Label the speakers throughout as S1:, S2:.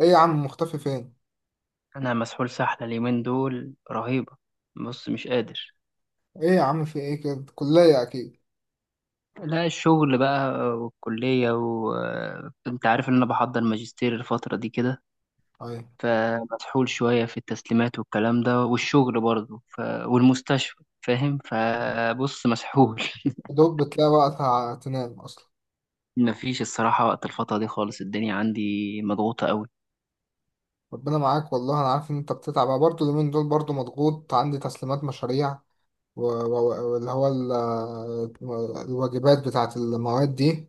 S1: ايه يا عم، مختفي فين؟
S2: انا مسحول سحله اليومين دول رهيبه. بص، مش قادر.
S1: ايه يا عم، في ايه كده؟ كلية اكيد؟
S2: لا، الشغل بقى والكليه، وانت عارف ان انا بحضر ماجستير الفتره دي كده.
S1: ايوه.
S2: فمسحول شويه في التسليمات والكلام ده والشغل برضه والمستشفى، فاهم؟ فبص، مسحول
S1: دوب بتلاقي وقتها تنام اصلا؟
S2: مفيش الصراحه وقت الفتره دي خالص، الدنيا عندي مضغوطه قوي.
S1: ربنا معاك، والله انا عارف ان انت بتتعب. أنا برضه اليومين دول برضه مضغوط، عندي تسليمات مشاريع و- و- واللي هو ال- الواجبات بتاعت المواد دي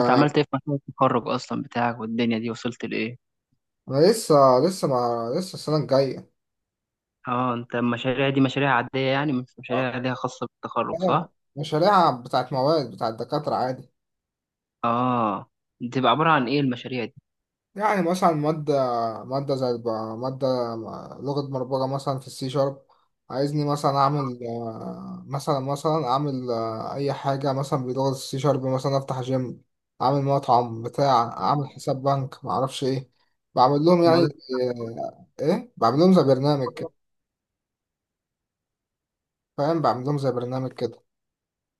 S2: انت عملت ايه في مشروع التخرج اصلا بتاعك؟ والدنيا دي وصلت لايه؟
S1: لسه لسه ما لسه السنة الجاية.
S2: اه انت المشاريع دي مشاريع عاديه، يعني مش مشاريع
S1: اه،
S2: عاديه خاصه بالتخرج،
S1: آه،
S2: صح؟
S1: مشاريع بتاعت مواد بتاعت دكاترة عادي.
S2: اه، بتبقى عبارة عن ايه المشاريع دي؟
S1: يعني مثلا مادة، مادة زي الب- مادة لغة برمجة مثلا في السي شارب. عايزني مثلا أعمل، مثلا، أعمل أي حاجة مثلا بلغة السي شارب، مثلا أفتح جيم، أعمل مطعم بتاع، أعمل
S2: آه.
S1: حساب بنك، معرفش إيه. بعمل لهم يعني.
S2: الموضوع
S1: إيه، بعمل لهم زي برنامج كده. فاهم؟ بعمل لهم زي برنامج كده.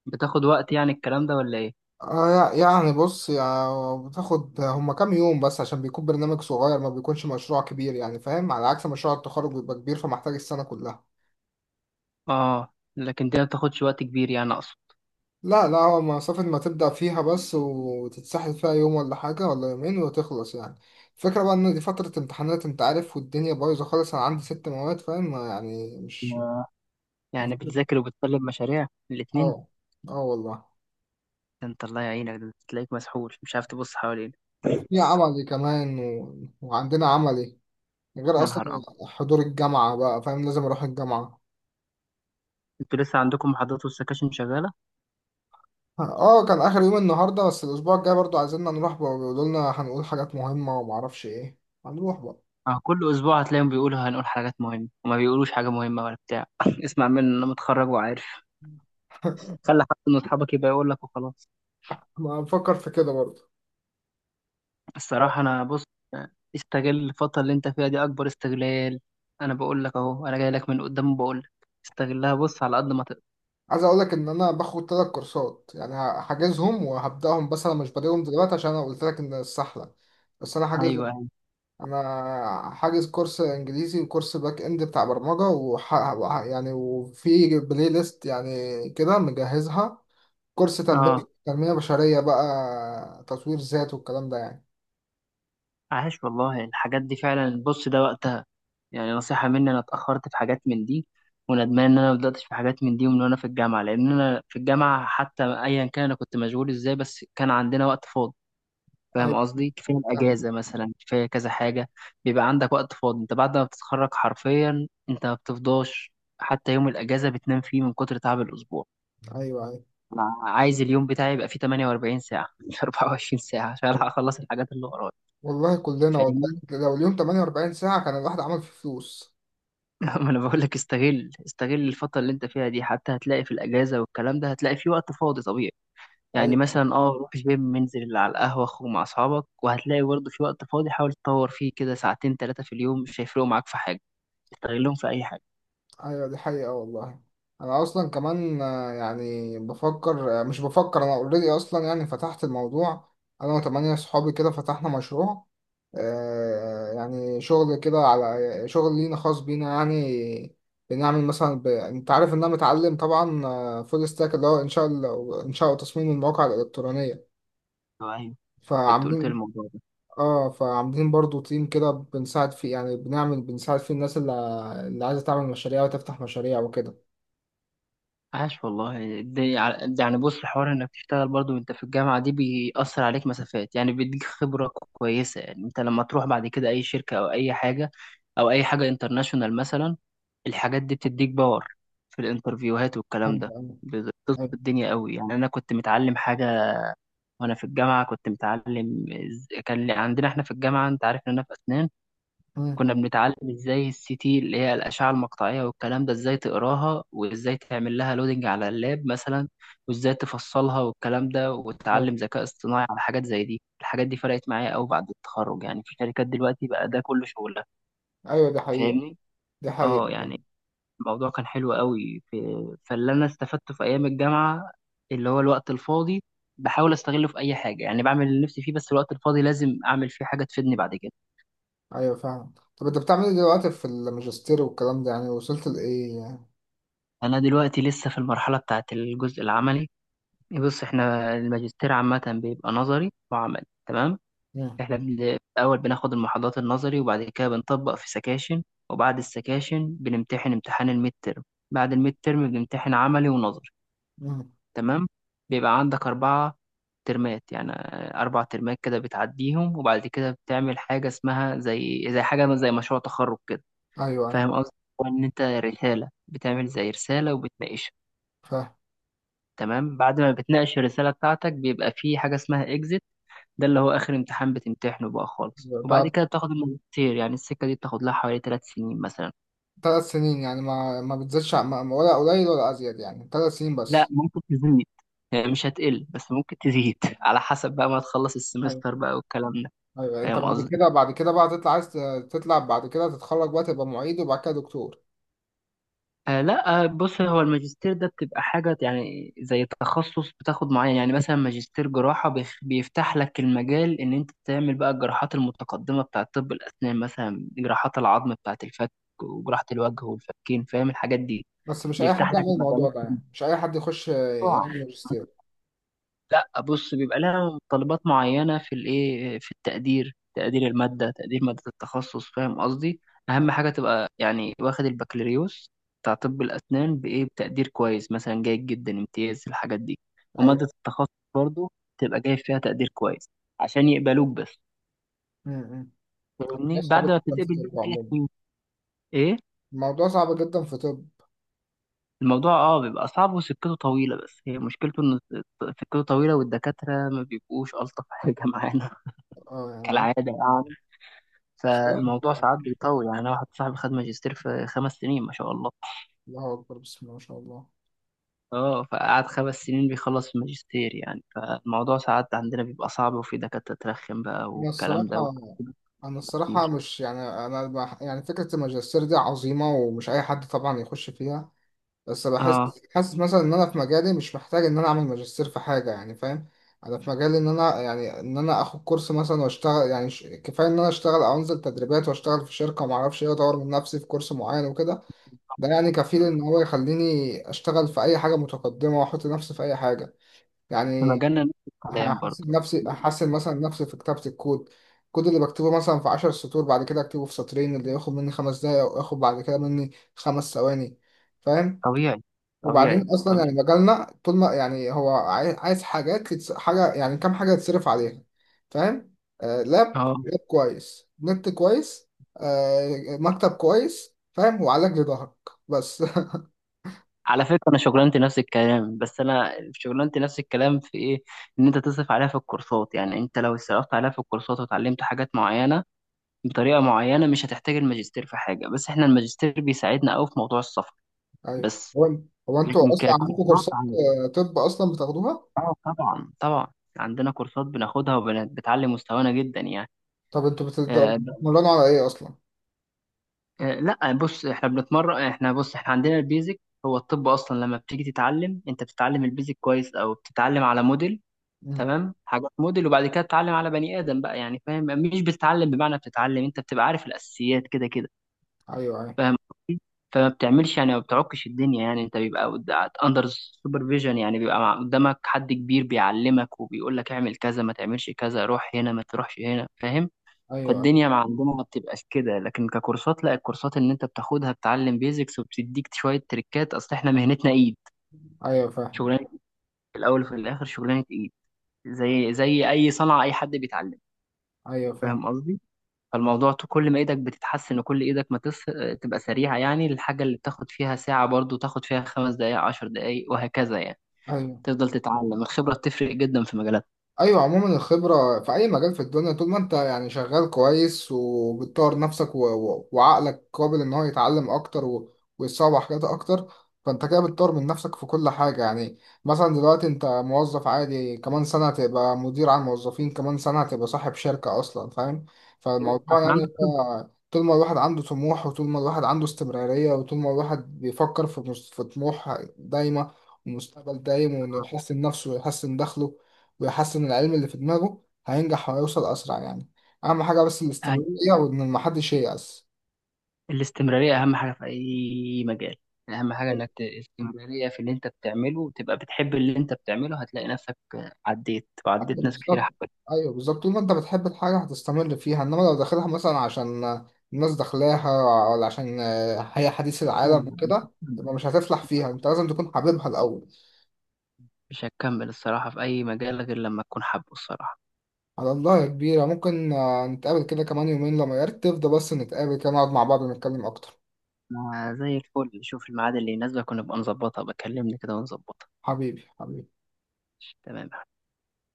S2: بتاخد وقت يعني الكلام ده ولا ايه؟
S1: آه يعني بص، يعني بتاخد هما كام يوم بس، عشان بيكون برنامج صغير ما بيكونش مشروع كبير، يعني فاهم؟ على عكس مشروع التخرج بيبقى كبير، فمحتاج السنة كلها.
S2: اه لكن دي ما بتاخدش وقت كبير، يعني اقصد
S1: لا لا، هو مسافة ما تبدأ فيها بس وتتسحل فيها يوم ولا حاجة ولا يومين وتخلص يعني. الفكرة بقى إن دي فترة امتحانات أنت عارف، والدنيا بايظة خالص. أنا عندي 6 مواد فاهم، يعني مش...
S2: يا- يعني بتذاكر وبتسلم مشاريع الاتنين؟
S1: اه. اه والله.
S2: ده انت الله يعينك، ده تلاقيك مسحول مش عارف تبص حواليك.
S1: وفي عملي كمان، وعندنا عملي، غير
S2: يا
S1: أصلا
S2: نهار أبيض!
S1: حضور الجامعة بقى فاهم، لازم أروح الجامعة.
S2: انتوا لسه عندكم محاضرات والسكاشن شغالة؟
S1: اه كان اخر يوم النهارده، بس الاسبوع الجاي برضو عايزيننا نروح بقى، بيقولوا لنا هنقول حاجات مهمه ومعرفش ايه. هنروح بقى.
S2: اه، كل أسبوع هتلاقيهم بيقولوا هنقول حاجات مهمة وما بيقولوش حاجة مهمة ولا بتاع اسمع مني أنا متخرج وعارف. خلي حد من أصحابك يبقى يقول لك وخلاص.
S1: ما بفكر في كده برضو.
S2: الصراحة أنا، بص، استغل الفترة اللي أنت فيها دي أكبر استغلال. أنا بقول لك أهو، أنا جاي لك من قدام وبقول لك استغلها، بص على قد ما تقدر.
S1: عايز اقول لك ان انا باخد 3 كورسات يعني، هحجزهم وهبداهم، بس انا مش بادئهم دلوقتي عشان انا قلت لك ان السحله. بس انا
S2: أيوه
S1: حاجزهم.
S2: أيوه،
S1: انا حاجز كورس انجليزي وكورس باك اند بتاع برمجه، يعني وفي بلاي ليست يعني كده مجهزها، كورس تنميه،
S2: أه.
S1: تنميه بشريه بقى، تطوير ذات والكلام ده يعني.
S2: عاش والله، الحاجات دي فعلا بص ده وقتها. يعني نصيحة مني، أنا اتأخرت في حاجات من دي وندمان إن أنا ما بدأتش في حاجات من دي ومن وأنا في الجامعة، لأن أنا في الجامعة حتى أيا كان أنا كنت مشغول إزاي، بس كان عندنا وقت فاضي. فاهم
S1: ايوه
S2: قصدي؟ كفايه
S1: صح.
S2: الاجازه مثلا، كفايه كذا حاجه. بيبقى عندك وقت فاضي. انت بعد ما بتتخرج حرفيا انت ما بتفضاش، حتى يوم الاجازه بتنام فيه من كتر تعب الاسبوع.
S1: ايوه ايوه،
S2: انا عايز اليوم بتاعي يبقى فيه 48 ساعه مش 24 ساعه عشان ألحق اخلص الحاجات اللي ورايا.
S1: والله كلنا، والله
S2: فاهمني؟
S1: لو اليوم 48 ساعة كان الواحد عمل فيه فلوس.
S2: ما انا بقول لك، استغل استغل الفتره اللي انت فيها دي. حتى هتلاقي في الاجازه والكلام ده هتلاقي فيه وقت فاضي طبيعي. يعني
S1: ايوه
S2: مثلا، اه، روح جيم، انزل على القهوه، اخرج مع اصحابك، وهتلاقي برضه في وقت فاضي حاول تطور فيه كده. 2 أو 3 ساعات في اليوم مش هيفرقوا معاك في حاجه. استغلهم في اي حاجه.
S1: ايوه، دي حقيقة والله. انا اصلا كمان يعني بفكر، مش بفكر، انا اوريدي اصلا، يعني فتحت الموضوع. انا وثمانية صحابي كده فتحنا مشروع، يعني شغل كده على شغل لينا خاص بينا يعني. بنعمل مثلا انت عارف ان انا متعلم طبعا فول ستاك، اللي هو انشاء، انشاء وتصميم المواقع الالكترونية.
S2: ايوه أيوه. كنت قلت لي
S1: فعاملين.
S2: الموضوع ده.
S1: اه فعاملين برضو تيم كده، بنساعد فيه يعني، بنعمل، بنساعد فيه الناس اللي عايزة تعمل مشاريع وتفتح مشاريع وكده.
S2: عاش والله، دي، يعني بص، الحوار انك تشتغل برضو وانت في الجامعه دي بيأثر عليك مسافات، يعني بيديك خبره كويسه. يعني انت لما تروح بعد كده اي شركه او اي حاجه، او اي حاجه انترناشونال مثلا، الحاجات دي بتديك باور في الانترفيوهات والكلام
S1: ايوه
S2: ده،
S1: ايوه
S2: بتظبط
S1: ايوه.
S2: الدنيا قوي. يعني انا كنت متعلم حاجه وانا في الجامعه، كنت متعلم عندنا احنا في الجامعه، انت عارف ان انا في اسنان،
S1: مم،
S2: كنا بنتعلم ازاي السي تي اللي هي الأشعة المقطعية والكلام ده، ازاي تقراها وازاي تعمل لها لودنج على اللاب مثلا، وازاي تفصلها والكلام ده،
S1: ايوه
S2: وتتعلم ذكاء اصطناعي على حاجات زي دي. الحاجات دي فرقت معايا قوي بعد التخرج. يعني في شركات دلوقتي بقى ده كله شغلها.
S1: ايوه دي حقيقة.
S2: فاهمني؟
S1: دي حقيقة
S2: اه، يعني
S1: فعلا.
S2: الموضوع كان حلو قوي في، فاللي انا استفدته في ايام الجامعة اللي هو الوقت الفاضي، بحاول استغله في اي حاجة. يعني بعمل اللي نفسي فيه، بس الوقت الفاضي لازم اعمل فيه حاجة تفيدني بعد كده.
S1: ايوه فعلا. طب انت بتعمل ايه دلوقتي في الماجستير والكلام ده، يعني وصلت لايه يعني؟
S2: انا دلوقتي لسه في المرحلة بتاعت الجزء العملي. بص احنا الماجستير عامة بيبقى نظري وعملي، تمام؟
S1: مم،
S2: احنا الأول بناخد المحاضرات النظري، وبعد كده بنطبق في سكاشن، وبعد السكاشن بنمتحن امتحان الميد ترم، بعد الميد ترم بنمتحن عملي ونظري.
S1: مم،
S2: تمام. بيبقى عندك 4 ترمات يعني، 4 ترمات كده بتعديهم، وبعد كده بتعمل حاجة اسمها زي زي حاجة زي مشروع تخرج كده.
S1: ايوه ايوه
S2: فاهم قصدي؟ هو إن أنت رسالة بتعمل زي رسالة وبتناقشها.
S1: فاهم.
S2: تمام؟ بعد ما بتناقش الرسالة بتاعتك بيبقى في حاجة اسمها إكزيت، ده اللي هو آخر امتحان بتمتحنه بقى خالص،
S1: ده
S2: وبعد كده بتاخد الماجستير. يعني السكة دي بتاخد لها حوالي 3 سنين مثلا.
S1: 3 سنين يعني، ما بتزيدش ولا قليل ولا ازيد، يعني 3 سنين
S2: لا
S1: بس.
S2: ممكن تزيد، يعني مش هتقل بس ممكن تزيد على حسب بقى ما تخلص
S1: ايوه
S2: السمستر بقى والكلام ده.
S1: ايوه. انت
S2: فاهم
S1: بعد
S2: قصدي؟
S1: كده بعد كده بقى تطلع، عايز تطلع بعد كده تتخرج بقى تبقى معيد وبعد كده دكتور.
S2: آه لا، بص هو الماجستير ده بتبقى حاجة يعني زي تخصص بتاخد معين. يعني مثلا ماجستير جراحة بيفتح لك المجال إن أنت تعمل بقى الجراحات المتقدمة بتاعة طب الأسنان مثلا، جراحات العظم بتاعة الفك وجراحة الوجه والفكين، فاهم الحاجات دي؟
S1: بس مش اي
S2: بيفتح
S1: حد
S2: لك
S1: يعمل الموضوع
S2: مجالات.
S1: ده، يعني مش اي حد يخش
S2: طبعا.
S1: يعمل ماجستير.
S2: لا بص، بيبقى لها طلبات معينة في الايه، في التقدير، تقدير المادة، تقدير مادة التخصص، فاهم قصدي؟ أهم حاجة تبقى يعني واخد البكالوريوس بتاع طب الأسنان بإيه، بتقدير كويس مثلا، جيد جدا، امتياز، الحاجات دي.
S1: ايوه.
S2: ومادة التخصص برضو تبقى جايب فيها تقدير كويس عشان يقبلوك بس.
S1: امم.
S2: فاهمني؟
S1: الموضوع
S2: بعد
S1: صعب
S2: ما
S1: جدا
S2: بتتقبل
S1: في
S2: بقى
S1: طب
S2: ثلاث
S1: عموما.
S2: سنين إيه؟
S1: الموضوع صعب جدا في طب.
S2: الموضوع اه بيبقى صعب وسكته طويلة، بس هي مشكلته إن سكته طويلة، والدكاترة ما بيبقوش ألطف حاجة معانا،
S1: اه يعني عايز...
S2: كالعادة يعني.
S1: صراحة
S2: فالموضوع ساعات
S1: يعني،
S2: بيطول. يعني أنا واحد صاحبي خد ماجستير في 5 سنين، ما شاء الله.
S1: الله اكبر، بسم الله ما شاء الله.
S2: اه فقعد 5 سنين بيخلص الماجستير يعني. فالموضوع ساعات عندنا بيبقى صعب، وفي دكاترة ترخم بقى
S1: انا
S2: والكلام ده
S1: الصراحه،
S2: وتعقيد
S1: انا الصراحه
S2: كتير.
S1: مش يعني انا يعني فكره الماجستير دي عظيمه، ومش اي حد طبعا يخش فيها. بس بحس،
S2: اه،
S1: حاسس مثلا ان انا في مجالي مش محتاج ان انا اعمل ماجستير في حاجه يعني فاهم. انا في مجالي ان انا يعني ان انا اخد كورس مثلا واشتغل يعني كفايه ان انا اشتغل او انزل تدريبات واشتغل في شركه وما اعرفش ايه، اطور من نفسي في كورس معين وكده. ده يعني كفيل ان هو يخليني اشتغل في اي حاجه متقدمه، واحط نفسي في اي حاجه
S2: في
S1: يعني.
S2: مجالنا نفس الكلام برضه.
S1: هحسن نفسي، احسن مثلا نفسي في كتابه الكود، الكود اللي بكتبه مثلا في 10 سطور بعد كده اكتبه في سطرين، اللي ياخد مني 5 دقايق وياخد بعد كده مني 5 ثواني، فاهم.
S2: طبيعي
S1: وبعدين
S2: طبيعي
S1: اصلا يعني
S2: طبيعي.
S1: مجالنا طول ما يعني هو عايز حاجات، حاجه يعني كام حاجه يتصرف عليها، فاهم. آه لاب
S2: اه،
S1: لاب كويس، نت كويس، آه مكتب كويس فاهم، وعلاج لظهرك بس.
S2: على فكرة أنا شغلانتي نفس الكلام، بس أنا شغلانتي نفس الكلام في إيه؟ إن أنت تصرف عليها في الكورسات. يعني أنت لو صرفت عليها في الكورسات وتعلمت حاجات معينة بطريقه معينه، مش هتحتاج الماجستير في حاجه. بس احنا الماجستير بيساعدنا قوي في موضوع السفر
S1: ايوه
S2: بس.
S1: هو. هو انتوا
S2: لكن
S1: اصلا عندكم
S2: ككورسات
S1: كورسات؟ طب اصلا بتاخدوها؟
S2: اه طبعا طبعا، عندنا كورسات بناخدها وبتعلي مستوانا جدا يعني.
S1: طب انتوا
S2: آه ب-
S1: بتتمرنوا على ايه اصلا؟
S2: آه لا بص، احنا بنتمرن، احنا بص احنا عندنا البيزك. هو الطب اصلا لما بتيجي تتعلم، انت بتتعلم البيزك كويس او بتتعلم على موديل.
S1: مم.
S2: تمام؟ حاجات موديل، وبعد كده بتتعلم على بني ادم بقى، يعني فاهم؟ مش بتتعلم بمعنى بتتعلم، انت بتبقى عارف الاساسيات كده كده.
S1: ايوه ايوه.
S2: فاهم قصدي؟ فما بتعملش يعني، ما بتعكش الدنيا يعني. انت بيبقى اندر سوبرفيجن، يعني بيبقى قدامك حد كبير بيعلمك وبيقول لك اعمل كذا، ما تعملش كذا، روح هنا، ما تروحش هنا، فاهم؟
S1: ايوه
S2: فالدنيا مع عندنا ما بتبقاش كده. لكن ككورسات، لا، الكورسات اللي انت بتاخدها بتعلم بيزكس وبتديك شوية تريكات. اصل احنا مهنتنا ايد،
S1: ايوه فاهم.
S2: شغلانة. في الاول وفي الاخر شغلانة ايد، زي زي اي صنعة اي حد بيتعلم،
S1: ايوه فاهم.
S2: فاهم قصدي؟ فالموضوع كل ما ايدك بتتحسن، وكل ايدك ما تص... تبقى سريعة، يعني الحاجة اللي بتاخد فيها ساعة برضو تاخد فيها 5 دقايق، 10 دقايق، وهكذا يعني.
S1: ايوه
S2: تفضل تتعلم، الخبرة بتفرق جدا في مجالات.
S1: ايوه عموما الخبره في اي مجال في الدنيا، طول ما انت يعني شغال كويس وبتطور نفسك وعقلك قابل ان هو يتعلم اكتر، ويتصور حاجات اكتر، فانت كده بتطور من نفسك في كل حاجه يعني. مثلا دلوقتي انت موظف عادي، كمان سنه هتبقى مدير على الموظفين، كمان سنه هتبقى صاحب شركه اصلا فاهم. فالموضوع
S2: أصلاً عندك
S1: يعني هو طول ما الواحد عنده طموح، وطول ما الواحد عنده استمراريه، وطول ما الواحد بيفكر في في طموح دايمه ومستقبل دايم، وانه يحسن نفسه ويحسن دخله ويحسن العلم اللي في دماغه، هينجح وهيوصل أسرع يعني. أهم حاجة بس
S2: أهم-
S1: الاستمرارية، وإن محدش ييأس.
S2: الاستمرارية أهم حاجة في أي مجال. أهم حاجة
S1: أيوة
S2: إنك استمرارية في اللي أنت بتعمله، وتبقى بتحب اللي أنت بتعمله، هتلاقي نفسك عديت وعديت ناس كتير
S1: بالظبط.
S2: حبت.
S1: أيوه بالظبط، طول ما أنت بتحب الحاجة هتستمر فيها، إنما لو داخلها مثلا عشان الناس داخلاها، ولا عشان هي حديث العالم وكده، يبقى مش هتفلح فيها. أنت لازم تكون حاببها الأول.
S2: مش هتكمل الصراحة في أي مجال غير لما تكون حابه الصراحة.
S1: على الله يا كبيرة. ممكن نتقابل كده كمان يومين لما يرتب ده، بس نتقابل كده نقعد مع بعض ونتكلم أكتر.
S2: ما زي الفل، شوف الميعاد اللي يناسبك ونبقى نظبطها، بكلمني كده ونظبطها.
S1: حبيبي حبيبي.
S2: تمام.